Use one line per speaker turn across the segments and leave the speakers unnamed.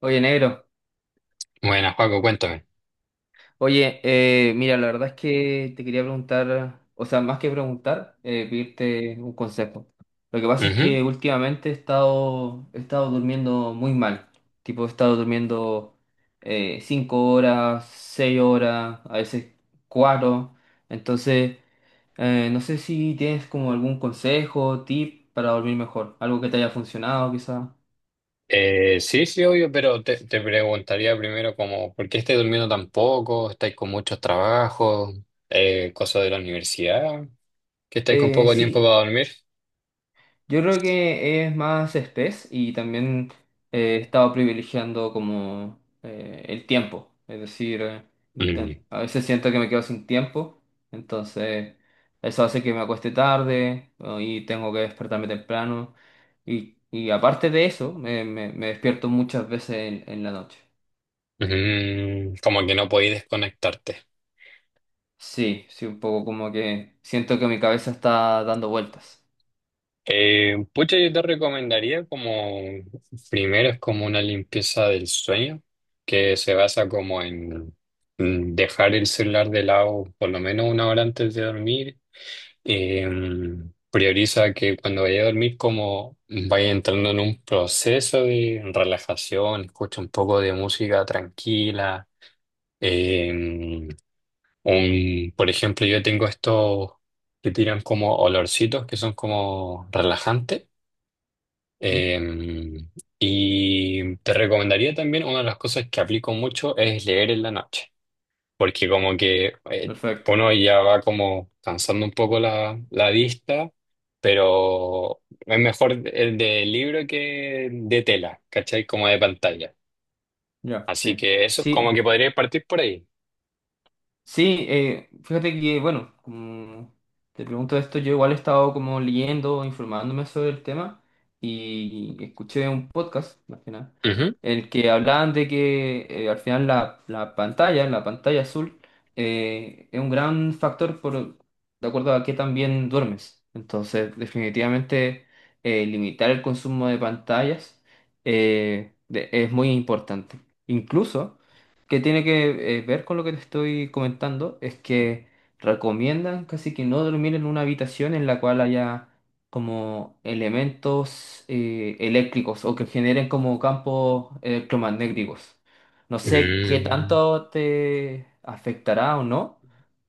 Oye, negro.
Buenas, Paco, cuéntame.
Oye, mira, la verdad es que te quería preguntar, o sea, más que preguntar, pedirte un consejo. Lo que pasa es
Ujú.
que últimamente he estado durmiendo muy mal. Tipo, he estado durmiendo cinco horas, seis horas, a veces cuatro. Entonces, no sé si tienes como algún consejo, tip para dormir mejor, algo que te haya funcionado, quizá.
Sí, sí, obvio, pero te preguntaría primero como, ¿por qué estáis durmiendo tan poco? ¿Estáis con muchos trabajos? ¿cosas de la universidad? ¿Que estáis con poco tiempo
Sí,
para dormir?
yo creo que es más espés y también he estado privilegiando como el tiempo. Es decir,
Mm.
a veces siento que me quedo sin tiempo, entonces eso hace que me acueste tarde, ¿no? Y tengo que despertarme temprano. Y aparte de eso, me despierto muchas veces en la noche.
Mm, como que no podéis desconectarte.
Sí, sí, un poco como que siento que mi cabeza está dando vueltas.
Pucha, yo te recomendaría como, primero es como una limpieza del sueño, que se basa como en dejar el celular de lado por lo menos una hora antes de dormir. Eh, prioriza que cuando vaya a dormir como vaya entrando en un proceso de relajación, escucha un poco de música tranquila. eh, por ejemplo, yo tengo estos que tiran como olorcitos que son como relajantes.
¿Mm?
eh, y te recomendaría también, una de las cosas que aplico mucho es leer en la noche, porque como que
Perfecto.
uno ya va como cansando un poco la vista, pero es mejor el de libro que de tela, ¿cachai? Como de pantalla.
Ya,
Así
sí.
que eso es como
Sí,
que podría partir por ahí.
sí, fíjate que, bueno, como te pregunto esto, yo igual he estado como leyendo, informándome sobre el tema y escuché un podcast, más que nada,
Ujú.
en el que hablaban de que al final la pantalla azul, es un gran factor por, de acuerdo a qué también duermes. Entonces, definitivamente, limitar el consumo de pantallas es muy importante. Incluso que tiene que ver con lo que te estoy comentando es que recomiendan casi que no dormir en una habitación en la cual haya como elementos eléctricos o que generen como campos electromagnéticos. No sé qué
Mm.
tanto te afectará o no,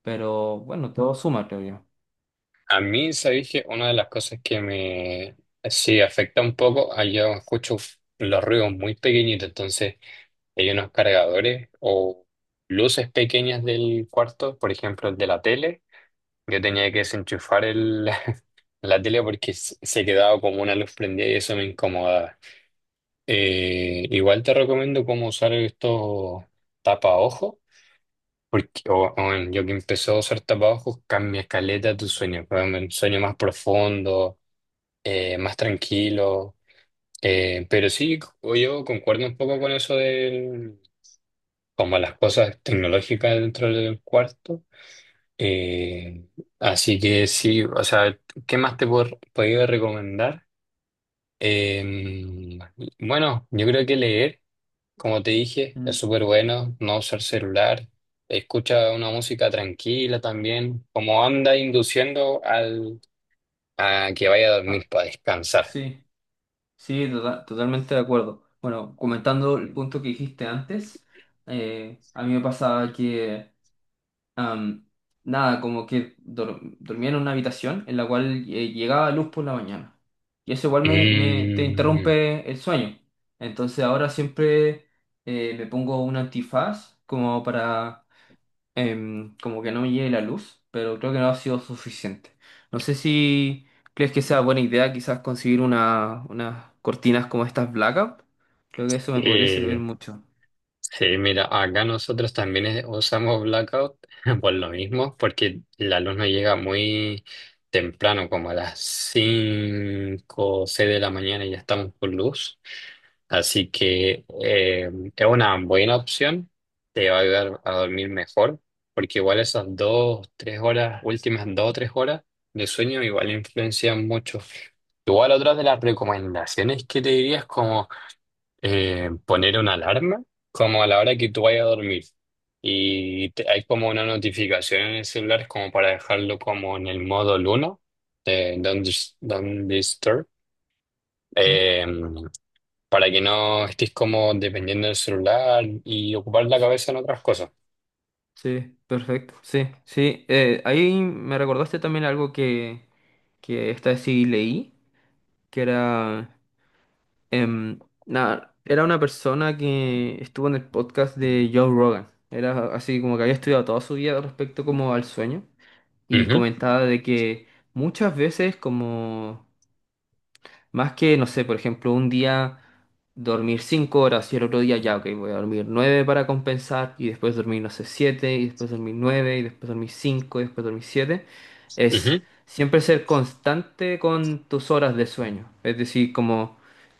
pero bueno, todo suma, creo yo.
A mí, sabéis que una de las cosas que me sí afecta un poco, ah, yo escucho los ruidos muy pequeñitos, entonces hay unos cargadores o luces pequeñas del cuarto, por ejemplo, el de la tele. Yo tenía que desenchufar el, la tele porque se quedaba como una luz prendida y eso me incomodaba. Igual te recomiendo cómo usar estos tapaojos, porque yo que empecé a usar tapaojos cambia caleta tu sueño, weón, un sueño más profundo, más tranquilo. Pero sí, o yo concuerdo un poco con eso de como las cosas tecnológicas dentro del cuarto. Eh, así que sí, o sea, ¿qué más te puedo- podría recomendar? Eh, bueno, yo creo que leer, como te dije, es
Mm.
súper bueno, no usar celular, escucha una música tranquila también, como anda induciendo a que vaya a
Ah,
dormir para descansar.
sí, totalmente de acuerdo. Bueno, comentando el punto que dijiste antes, a mí me pasaba que Am, nada, como que dormía en una habitación en la cual llegaba luz por la mañana. Y eso igual te
Mm,
interrumpe el sueño. Entonces ahora siempre me pongo un antifaz como para como que no me llegue la luz, pero creo que no ha sido suficiente. No sé si crees que sea buena idea quizás conseguir unas cortinas como estas blackout. Creo que eso me podría servir
eh,
mucho.
Sí, mira, acá nosotros también usamos blackout por lo mismo, porque el alumno llega muy temprano, como a las 5 o 6 de la mañana y ya estamos con luz. Así que es una buena opción, te va a ayudar a dormir mejor, porque igual esas dos, tres horas, últimas dos o tres horas de sueño igual influencian mucho. Igual otras de las recomendaciones que te diría es como poner una alarma como a la hora que tú vayas a dormir. Y te- hay como una notificación en el celular como para dejarlo como en el modo luna de Don't Disturb,
¿Mm?
eh, para que no estés como dependiendo del celular y ocupar la cabeza en otras cosas.
Sí, perfecto. Sí, sí. Ahí me recordaste también algo que esta sí leí, que era, em, nada, era una persona que estuvo en el podcast de Joe Rogan. Era así como que había estudiado toda su vida respecto como al sueño y
Ujú,
comentaba de que muchas veces como más que, no sé, por ejemplo, un día dormir 5 horas y el otro día ya, ok, voy a dormir 9 para compensar y después dormir, no sé, siete y después dormir 9 y después dormir 5 y después dormir siete. Es
ujú,
siempre ser constante con tus horas de sueño. Es decir, como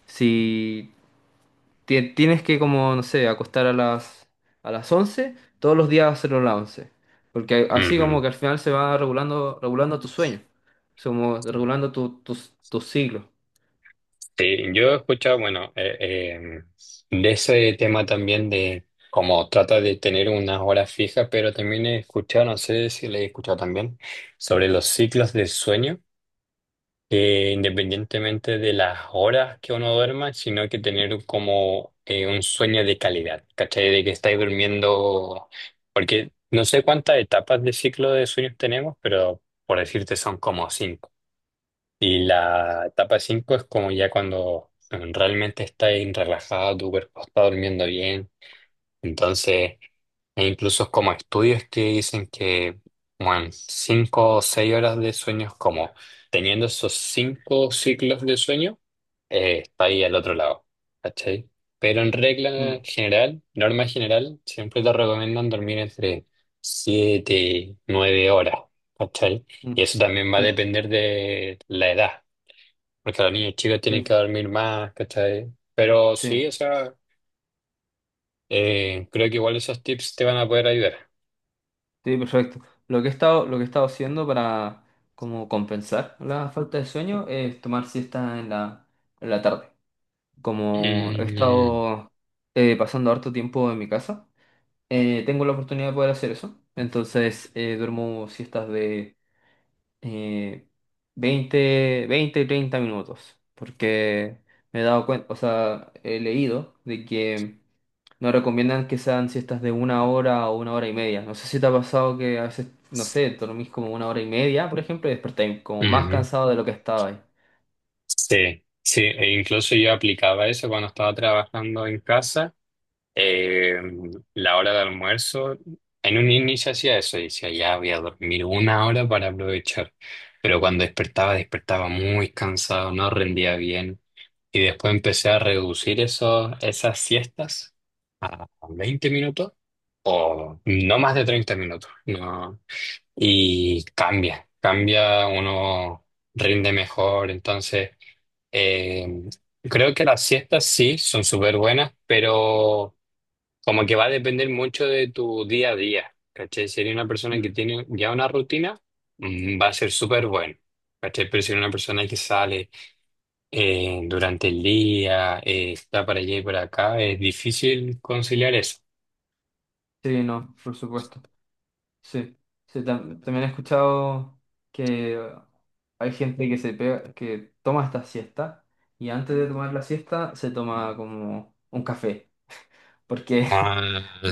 si tienes que, como, no sé, acostar a las once, todos los días hacerlo a las once. Porque así como
ujú.
que al final se va regulando, regulando tu sueño. Es como regulando tu, tus siglos.
Sí, yo he escuchado, bueno, de ese tema también de cómo trata de tener unas horas fijas, pero también he escuchado, no sé si le he escuchado también, sobre los ciclos de sueño, que independientemente de las horas que uno duerma, sino que tener como un sueño de calidad, ¿cachai? De que estáis durmiendo, porque no sé cuántas etapas de ciclo de sueños tenemos, pero por decirte son como cinco. Y la etapa 5 es como ya cuando realmente estás relajado, tu cuerpo está durmiendo bien. Entonces, e incluso como estudios que dicen que, bueno, 5 o 6 horas de sueño es como teniendo esos 5 ciclos de sueño, está ahí al otro lado, ¿cachai? Pero en regla
Mm,
general, norma general, siempre te recomiendan dormir entre 7 y 9 horas, ¿cachai? Y
mm.
eso también va a
Sí,
depender de la edad. Porque las niñas chicas tienen
sí,
que dormir más, ¿cachai? Pero
sí,
sí, o sea, creo que igual esos tips te van a poder ayudar.
sí, perfecto. Lo que he estado haciendo para como compensar la falta de sueño es tomar siesta en la tarde. Como he
Mm,
estado pasando harto tiempo en mi casa, tengo la oportunidad de poder hacer eso. Entonces duermo siestas de eh, 20 20 y 30 minutos. Porque me he dado cuenta, o sea, he leído de que no recomiendan que sean siestas de una hora o una hora y media. No sé si te ha pasado que a veces, no sé, dormís como una hora y media, por ejemplo, y despertáis como más
ujú.
cansado de lo que estaba ahí.
Sí, sí, e incluso yo aplicaba eso cuando estaba trabajando en casa. Eh, la hora de almuerzo, en un inicio hacía eso, decía, ya voy a dormir una hora para aprovechar. Pero cuando despertaba, despertaba muy cansado, no rendía bien. Y después empecé a reducir esas siestas a 20 minutos o no más de 30 minutos. No. Y cambia, cambia, uno rinde mejor. Entonces, eh, creo que las siestas sí son súper buenas, pero como que va a depender mucho de tu día a día. ¿Cachai? Si eres una persona que
Mm.
tiene ya una rutina, va a ser súper bueno. ¿Cachai? Pero si eres una persona que sale durante el día, está para allá y para acá, es difícil conciliar eso.
Sí, no, por supuesto. Sí. Sí, también he escuchado que hay gente que toma esta siesta y antes de tomar la siesta se toma como un café. Porque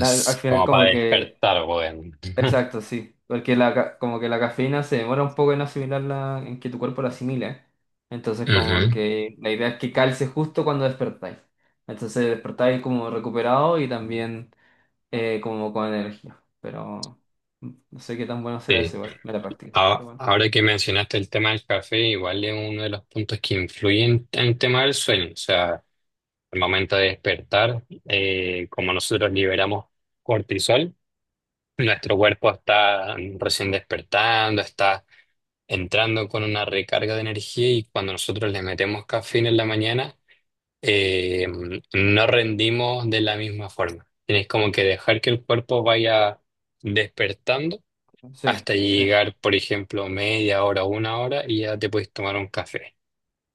al al final
como
como
para
que
despertar, bueno.
exacto, sí. Porque como que la cafeína se demora un poco en asimilarla, en que tu cuerpo la asimile. Entonces,
Ujú,
como que la idea es que calce justo cuando despertáis. Entonces, despertáis como recuperado y también como con energía. Pero no sé qué tan bueno será
sí.
eso igual. Me la practico. Pero
A-
bueno.
Ahora que mencionaste el tema del café, igual es uno de los puntos que influyen en el tema del sueño. O sea, el momento de despertar, como nosotros liberamos cortisol, nuestro cuerpo está recién despertando, está entrando con una recarga de energía y cuando nosotros le metemos cafeína en la mañana, eh, no rendimos de la misma forma. Tienes como que dejar que el cuerpo vaya despertando
Sí,
hasta
sí,
llegar, por ejemplo, media hora, una hora y ya te puedes tomar un café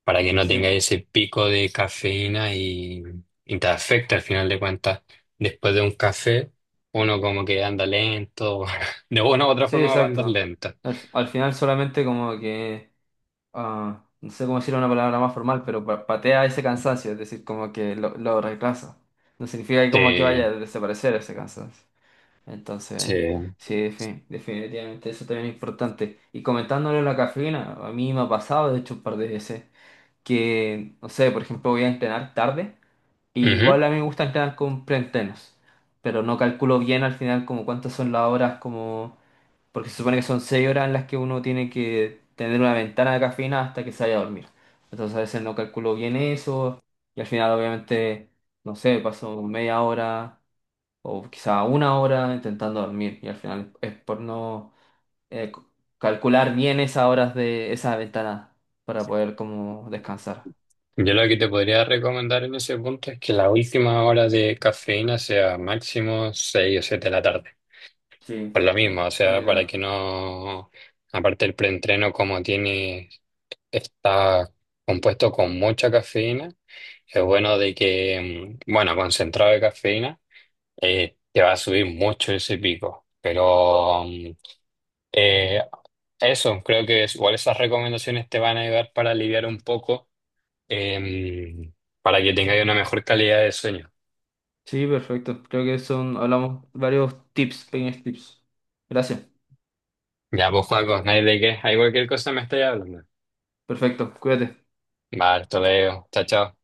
para que no tengas
sí.
ese pico de cafeína y te afecta al final de cuentas. Después de un café, uno como que anda lento, de una u otra
Sí,
forma va a andar
exacto.
lento.
Al final solamente como que no sé cómo decirlo en una palabra más formal, pero patea ese cansancio, es decir, como que lo reemplaza. No significa que como que
Eh,
vaya a desaparecer ese cansancio. Entonces,
sí.
sí, definitivamente eso también es importante. Y comentándole la cafeína, a mí me ha pasado, de hecho, un par de veces, que, no sé, por ejemplo, voy a entrenar tarde, y
Ujú.
igual a mí me gusta entrenar con preentrenos, pero no calculo bien al final como cuántas son las horas, como porque se supone que son 6 horas en las que uno tiene que tener una ventana de cafeína hasta que se vaya a dormir. Entonces a veces no calculo bien eso y al final, obviamente, no sé, paso media hora o quizá una hora intentando dormir y al final es por no eh, c- calcular bien esas horas de esa ventana para poder como descansar.
Yo lo que te podría recomendar en ese punto es que la última hora de cafeína sea máximo 6 o 7 de la tarde. Por
Sí,
lo
sí,
mismo, o
buena
sea, para
idea.
que no, aparte el preentreno como tiene, está compuesto con mucha cafeína, es bueno de que, bueno, concentrado de cafeína, te va a subir mucho ese pico. Pero eh, eso, creo que igual esas recomendaciones te van a ayudar para aliviar un poco em, para que tengáis una mejor calidad de sueño.
Sí, perfecto. Creo que son, hablamos varios tips, pequeños tips. Gracias.
Ya, pues, Juaco, no hay de qué. Hay cualquier cosa me estáis hablando.
Perfecto, cuídate.
Vale, hasta luego. Chao, chao.